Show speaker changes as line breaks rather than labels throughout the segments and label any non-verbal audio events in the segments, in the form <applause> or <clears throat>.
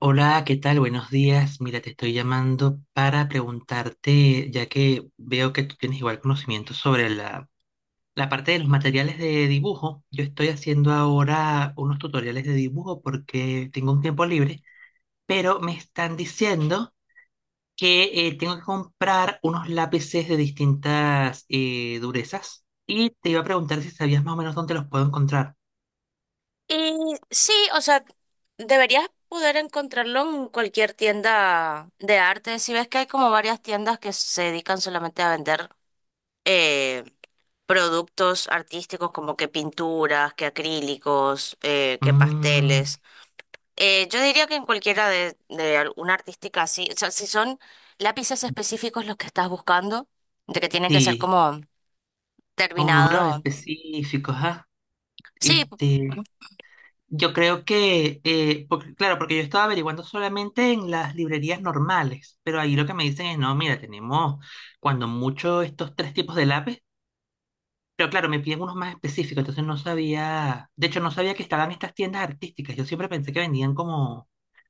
Hola, ¿qué tal? Buenos días. Mira, te estoy llamando para preguntarte, ya que veo que tú tienes igual conocimiento sobre la parte de los materiales de dibujo. Yo estoy haciendo ahora unos tutoriales de dibujo porque tengo un tiempo libre, pero me están diciendo que tengo que comprar unos lápices de distintas durezas y te iba a preguntar si sabías más o menos dónde los puedo encontrar.
Y sí, o sea, deberías poder encontrarlo en cualquier tienda de arte. Si ves que hay como varias tiendas que se dedican solamente a vender eh, productos artísticos como que pinturas, que acrílicos, que
Mm,
pasteles. Yo diría que en cualquiera de alguna artística así, o sea, si son lápices específicos los que estás buscando, de que tienen que ser
sí,
como
con números
terminado.
específicos, ¿ah?
Sí,
Este... Yo creo que, claro, porque yo estaba averiguando solamente en las librerías normales, pero ahí lo que me dicen es, no, mira, tenemos cuando mucho estos tres tipos de lápiz, pero claro, me piden unos más específicos, entonces no sabía, de hecho no sabía que estaban estas tiendas artísticas, yo siempre pensé que vendían como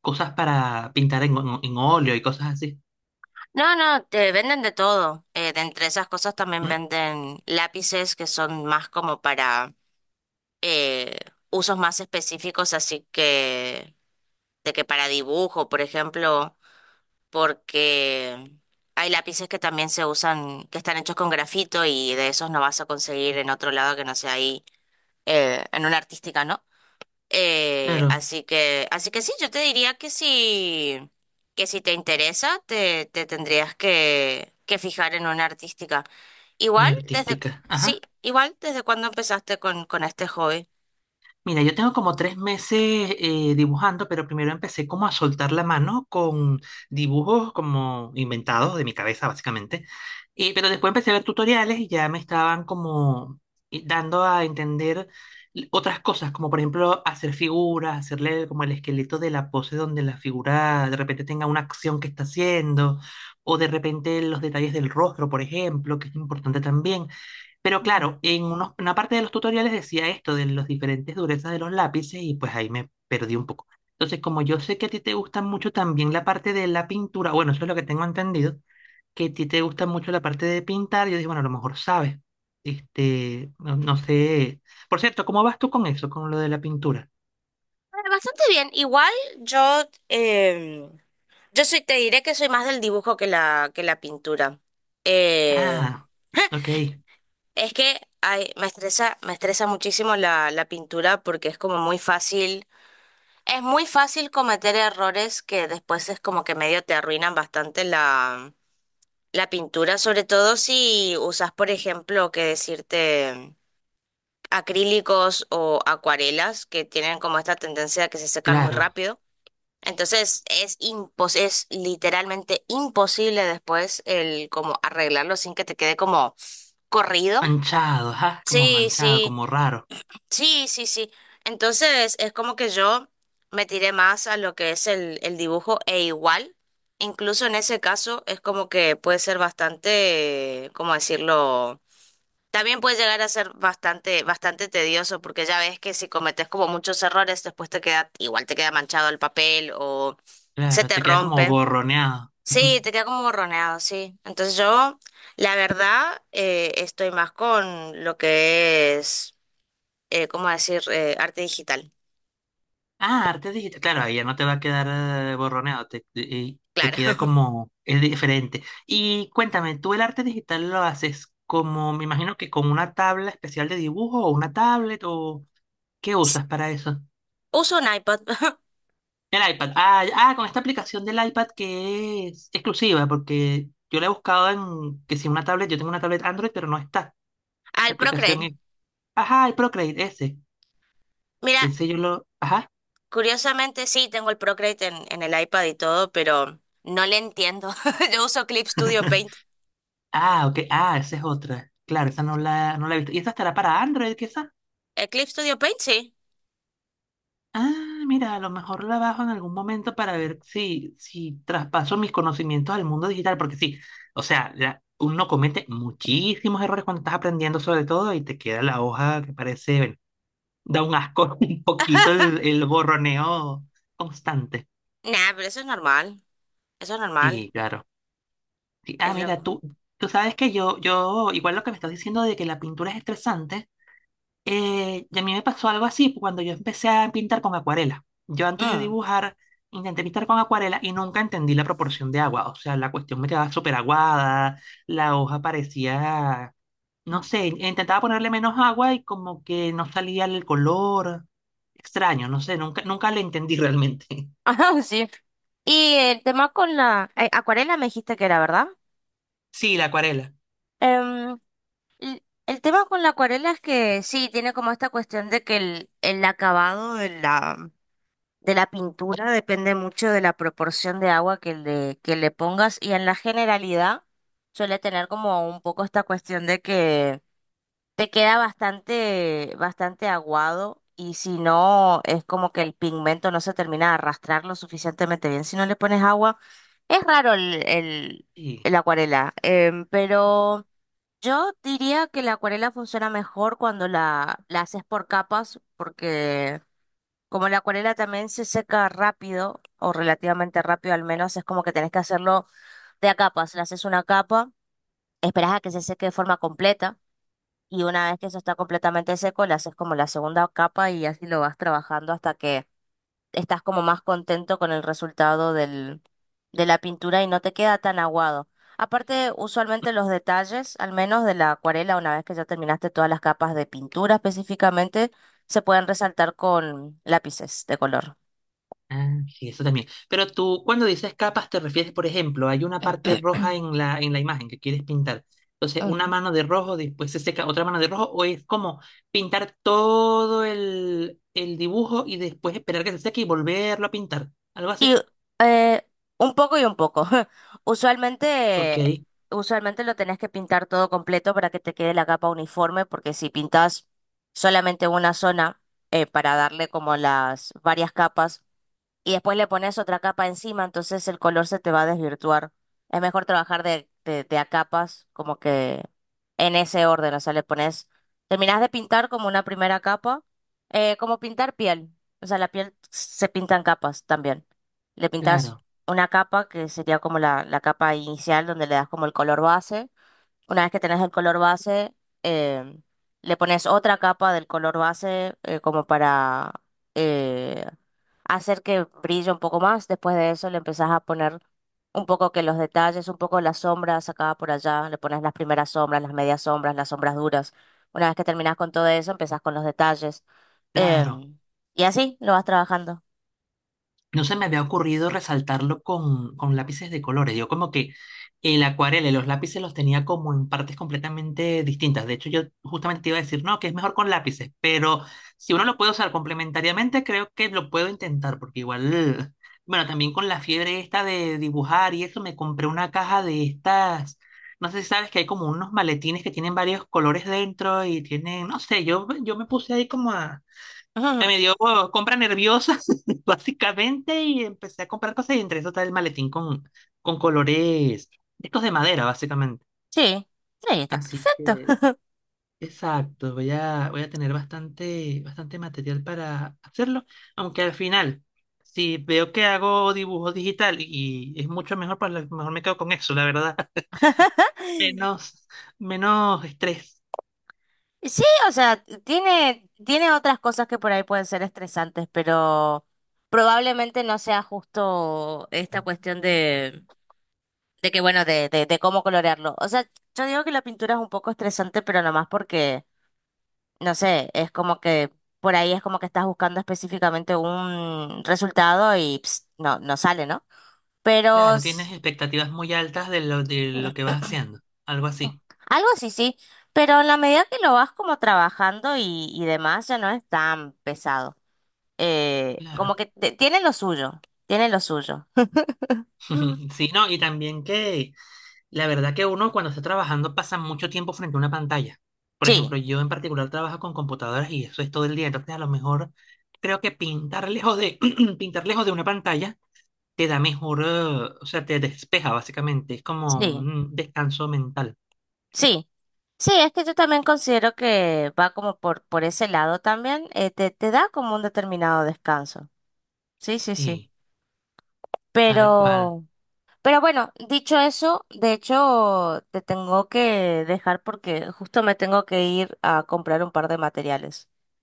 cosas para pintar en óleo y cosas así.
no, no, te venden de todo. De entre esas cosas también
Mm,
venden lápices que son más como para eh, usos más específicos, así que de que para dibujo, por ejemplo, porque hay lápices que también se usan, que están hechos con grafito y de esos no vas a conseguir en otro lado que no sea ahí, en una artística, ¿no? Eh,
claro,
así que, así que sí, yo te diría que si te interesa, te tendrías que fijar en una artística.
no era
Igual, desde,
artística.
sí,
Ajá.
igual, desde cuando empezaste con este hobby.
Mira, yo tengo como tres meses dibujando, pero primero empecé como a soltar la mano con dibujos como inventados de mi cabeza, básicamente. Pero después empecé a ver tutoriales y ya me estaban como dando a entender otras cosas, como por ejemplo hacer figuras, hacerle como el esqueleto de la pose donde la figura de repente tenga una acción que está haciendo, o de repente los detalles del rostro, por ejemplo, que es importante también. Pero
Ujú.
claro, en una parte de los tutoriales decía esto de las diferentes durezas de los lápices y pues ahí me perdí un poco. Entonces, como yo sé que a ti te gusta mucho también la parte de la pintura, bueno, eso es lo que tengo entendido, que a ti te gusta mucho la parte de pintar, yo dije, bueno, a lo mejor sabes. Este, no, no sé. Por cierto, ¿cómo vas tú con eso, con lo de la pintura?
Bastante bien. Igual yo, yo soy, te diré que soy más del dibujo que la pintura. Eh,
Ah, ok,
es que ay, me estresa muchísimo la, la pintura porque es como muy fácil. Es muy fácil cometer errores que después es como que medio te arruinan bastante la, la pintura, sobre todo si usas, por ejemplo, que decirte acrílicos o acuarelas que tienen como esta tendencia a que se secan muy
claro.
rápido. Entonces es impos, es literalmente imposible después el como arreglarlo sin que te quede como corrido.
Manchado, ajá, como
Sí,
manchado,
sí.
como raro.
Sí, sí, sí. Entonces es como que yo me tiré más a lo que es el dibujo e igual, incluso en ese caso es como que puede ser bastante, ¿cómo decirlo? También puede llegar a ser bastante, bastante tedioso porque ya ves que si cometes como muchos errores después te queda, igual te queda manchado el papel o se
Claro,
te
te queda como
rompe.
borroneado.
Sí,
<laughs>
te queda como borroneado, sí. Entonces yo, la verdad, estoy más con lo que es ¿cómo decir? Arte digital,
Ah, arte digital. Claro, ahí ya no te va a quedar borroneado, te, y te queda
claro. <laughs>
como, es diferente. Y cuéntame, ¿tú el arte digital lo haces como, me imagino que con una tabla especial de dibujo o una tablet o qué usas para eso?
Uso un iPad, <laughs>
El iPad. Ah, con esta aplicación del iPad que es exclusiva, porque yo la he buscado en, que si una tablet, yo tengo una tablet Android, pero no está. La
al
aplicación
Procreate.
es, ajá, el Procreate, ese,
Mira,
que sé yo lo, ajá.
curiosamente sí, tengo el Procreate en el iPad y todo, pero no le entiendo. <laughs> Yo uso Clip Studio Paint.
Ah, ok. Ah, esa es otra. Claro, esa no no la he visto. ¿Y esa estará para Android, quizá?
¿El Clip Studio Paint? Sí.
Ah, mira, a lo mejor la bajo en algún momento para ver si, si traspaso mis conocimientos al mundo digital, porque sí, o sea, uno comete muchísimos errores cuando estás aprendiendo sobre todo y te queda la hoja que parece, bueno, da un asco <laughs> un poquito el,
<laughs>
el borroneo constante.
Nah, pero eso es normal. Eso es normal.
Sí, claro. Sí, ah,
Es
mira,
lo...
tú sabes que yo, igual lo que me estás diciendo de que la pintura es estresante. Y a mí me pasó algo así cuando yo empecé a pintar con acuarela. Yo antes de
Mm.
dibujar intenté pintar con acuarela y nunca entendí la proporción de agua. O sea, la cuestión me quedaba súper aguada, la hoja parecía, no sé, intentaba ponerle menos agua y como que no salía el color. Extraño, no sé, nunca, nunca le entendí realmente. <laughs>
<laughs> Ajá, sí. Y el tema con la acuarela me dijiste que era, ¿verdad?
Sí, la acuarela.
Em, el tema con la acuarela es que sí, tiene como esta cuestión de que el acabado de la, de la pintura depende mucho de la proporción de agua que le pongas, y en la generalidad suele tener como un poco esta cuestión de que te queda bastante, bastante aguado, y si no es como que el pigmento no se termina de arrastrar lo suficientemente bien si no le pones agua. Es raro
Sí.
el acuarela, em, pero yo diría que la acuarela funciona mejor cuando la haces por capas porque... Como la acuarela también se seca rápido, o relativamente rápido al menos, es como que tenés que hacerlo de a capas. Le haces una capa, esperás a que se seque de forma completa, y una vez que eso está completamente seco, le haces como la segunda capa y así lo vas trabajando hasta que estás como más contento con el resultado del, de la pintura y no te queda tan aguado. Aparte, usualmente los detalles, al menos de la acuarela, una vez que ya terminaste todas las capas de pintura específicamente, se pueden resaltar con lápices de color.
Ah, sí, eso también. Pero tú, cuando dices capas, te refieres, por ejemplo, hay una parte
<clears throat>
roja en en la imagen que quieres pintar. Entonces, una
Ujú.
mano de rojo, después se seca otra mano de rojo, o es como pintar todo el dibujo y después esperar que se seque y volverlo a pintar. Algo así.
Y eh, un poco y un poco. <laughs>
Ok,
Usualmente, usualmente lo tenés que pintar todo completo para que te quede la capa uniforme, porque si pintas solamente una zona, para darle como las varias capas, y después le pones otra capa encima, entonces el color se te va a desvirtuar. Es mejor trabajar de a capas, como que en ese orden, o sea, le pones, terminás de pintar como una primera capa, como pintar piel, o sea, la piel se pinta en capas también. Le pintas
claro,
una capa que sería como la capa inicial donde le das como el color base. Una vez que tenés el color base, eh, le pones otra capa del color base como para eh, hacer que brille un poco más. Después de eso le empezás a poner un poco que los detalles, un poco las sombras acá por allá. Le pones las primeras sombras, las medias sombras, las sombras duras. Una vez que terminás con todo eso, empezás con los detalles.
claro.
Em, y así lo vas trabajando.
No se me había ocurrido resaltarlo con lápices de colores. Yo como que el acuarela y los lápices los tenía como en partes completamente distintas. De hecho, yo justamente te iba a decir, no, que es mejor con lápices, pero si uno lo puede usar complementariamente, creo que lo puedo intentar, porque igual, bueno, también con la fiebre esta de dibujar y eso, me compré una caja de estas, no sé si sabes que hay como unos maletines que tienen varios colores dentro y tienen, no sé, yo me puse ahí como a
<laughs> Ujú.
me dio oh, compra nerviosa, <laughs> básicamente, y empecé a comprar cosas y entre eso está el maletín con colores, estos de madera, básicamente.
Sí, sí, está
Así
perfecto.
que, exacto, voy a, voy a tener bastante, bastante material para hacerlo, aunque al final, si veo que hago dibujo digital y es mucho mejor, pues a lo mejor me quedo con eso, la verdad. <laughs>
<laughs>
Menos, menos estrés.
Sí, o sea, tiene, tiene otras cosas que por ahí pueden ser estresantes, pero probablemente no sea justo esta cuestión de que, bueno, de cómo colorearlo. O sea, yo digo que la pintura es un poco estresante, pero nomás porque, no sé, es como que por ahí es como que estás buscando específicamente un resultado y ps, no, no sale, ¿no? Pero
Claro, tienes
s-
expectativas muy altas de lo que vas haciendo, algo así.
Algo así, sí, pero en la medida que lo vas como trabajando y demás, ya no es tan pesado. Eh, como
Claro.
que tiene lo suyo, tiene lo suyo.
Ujú,
<gasps>
sí, no, y también que la verdad que uno cuando está trabajando pasa mucho tiempo frente a una pantalla. Por
Sí,
ejemplo, yo en particular trabajo con computadoras y eso es todo el día. Entonces, a lo mejor creo que pintar lejos de <clears throat> pintar lejos de una pantalla te da mejor, o sea, te despeja básicamente. Es como
sí,
un descanso mental.
sí. Sí, es que yo también considero que va como por ese lado también, te, te da como un determinado descanso. Sí, sí, sí.
Sí, tal cual.
Pero, pero bueno, dicho eso, de hecho, te tengo que dejar porque justo me tengo que ir a comprar un par de materiales. <laughs>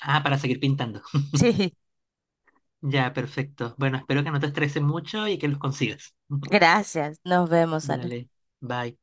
Ah, para seguir pintando.
Sí,
Ya, perfecto. Bueno, espero que no te estrese mucho y que los consigas. <laughs>
gracias. Nos vemos, Ale.
Dale, bye.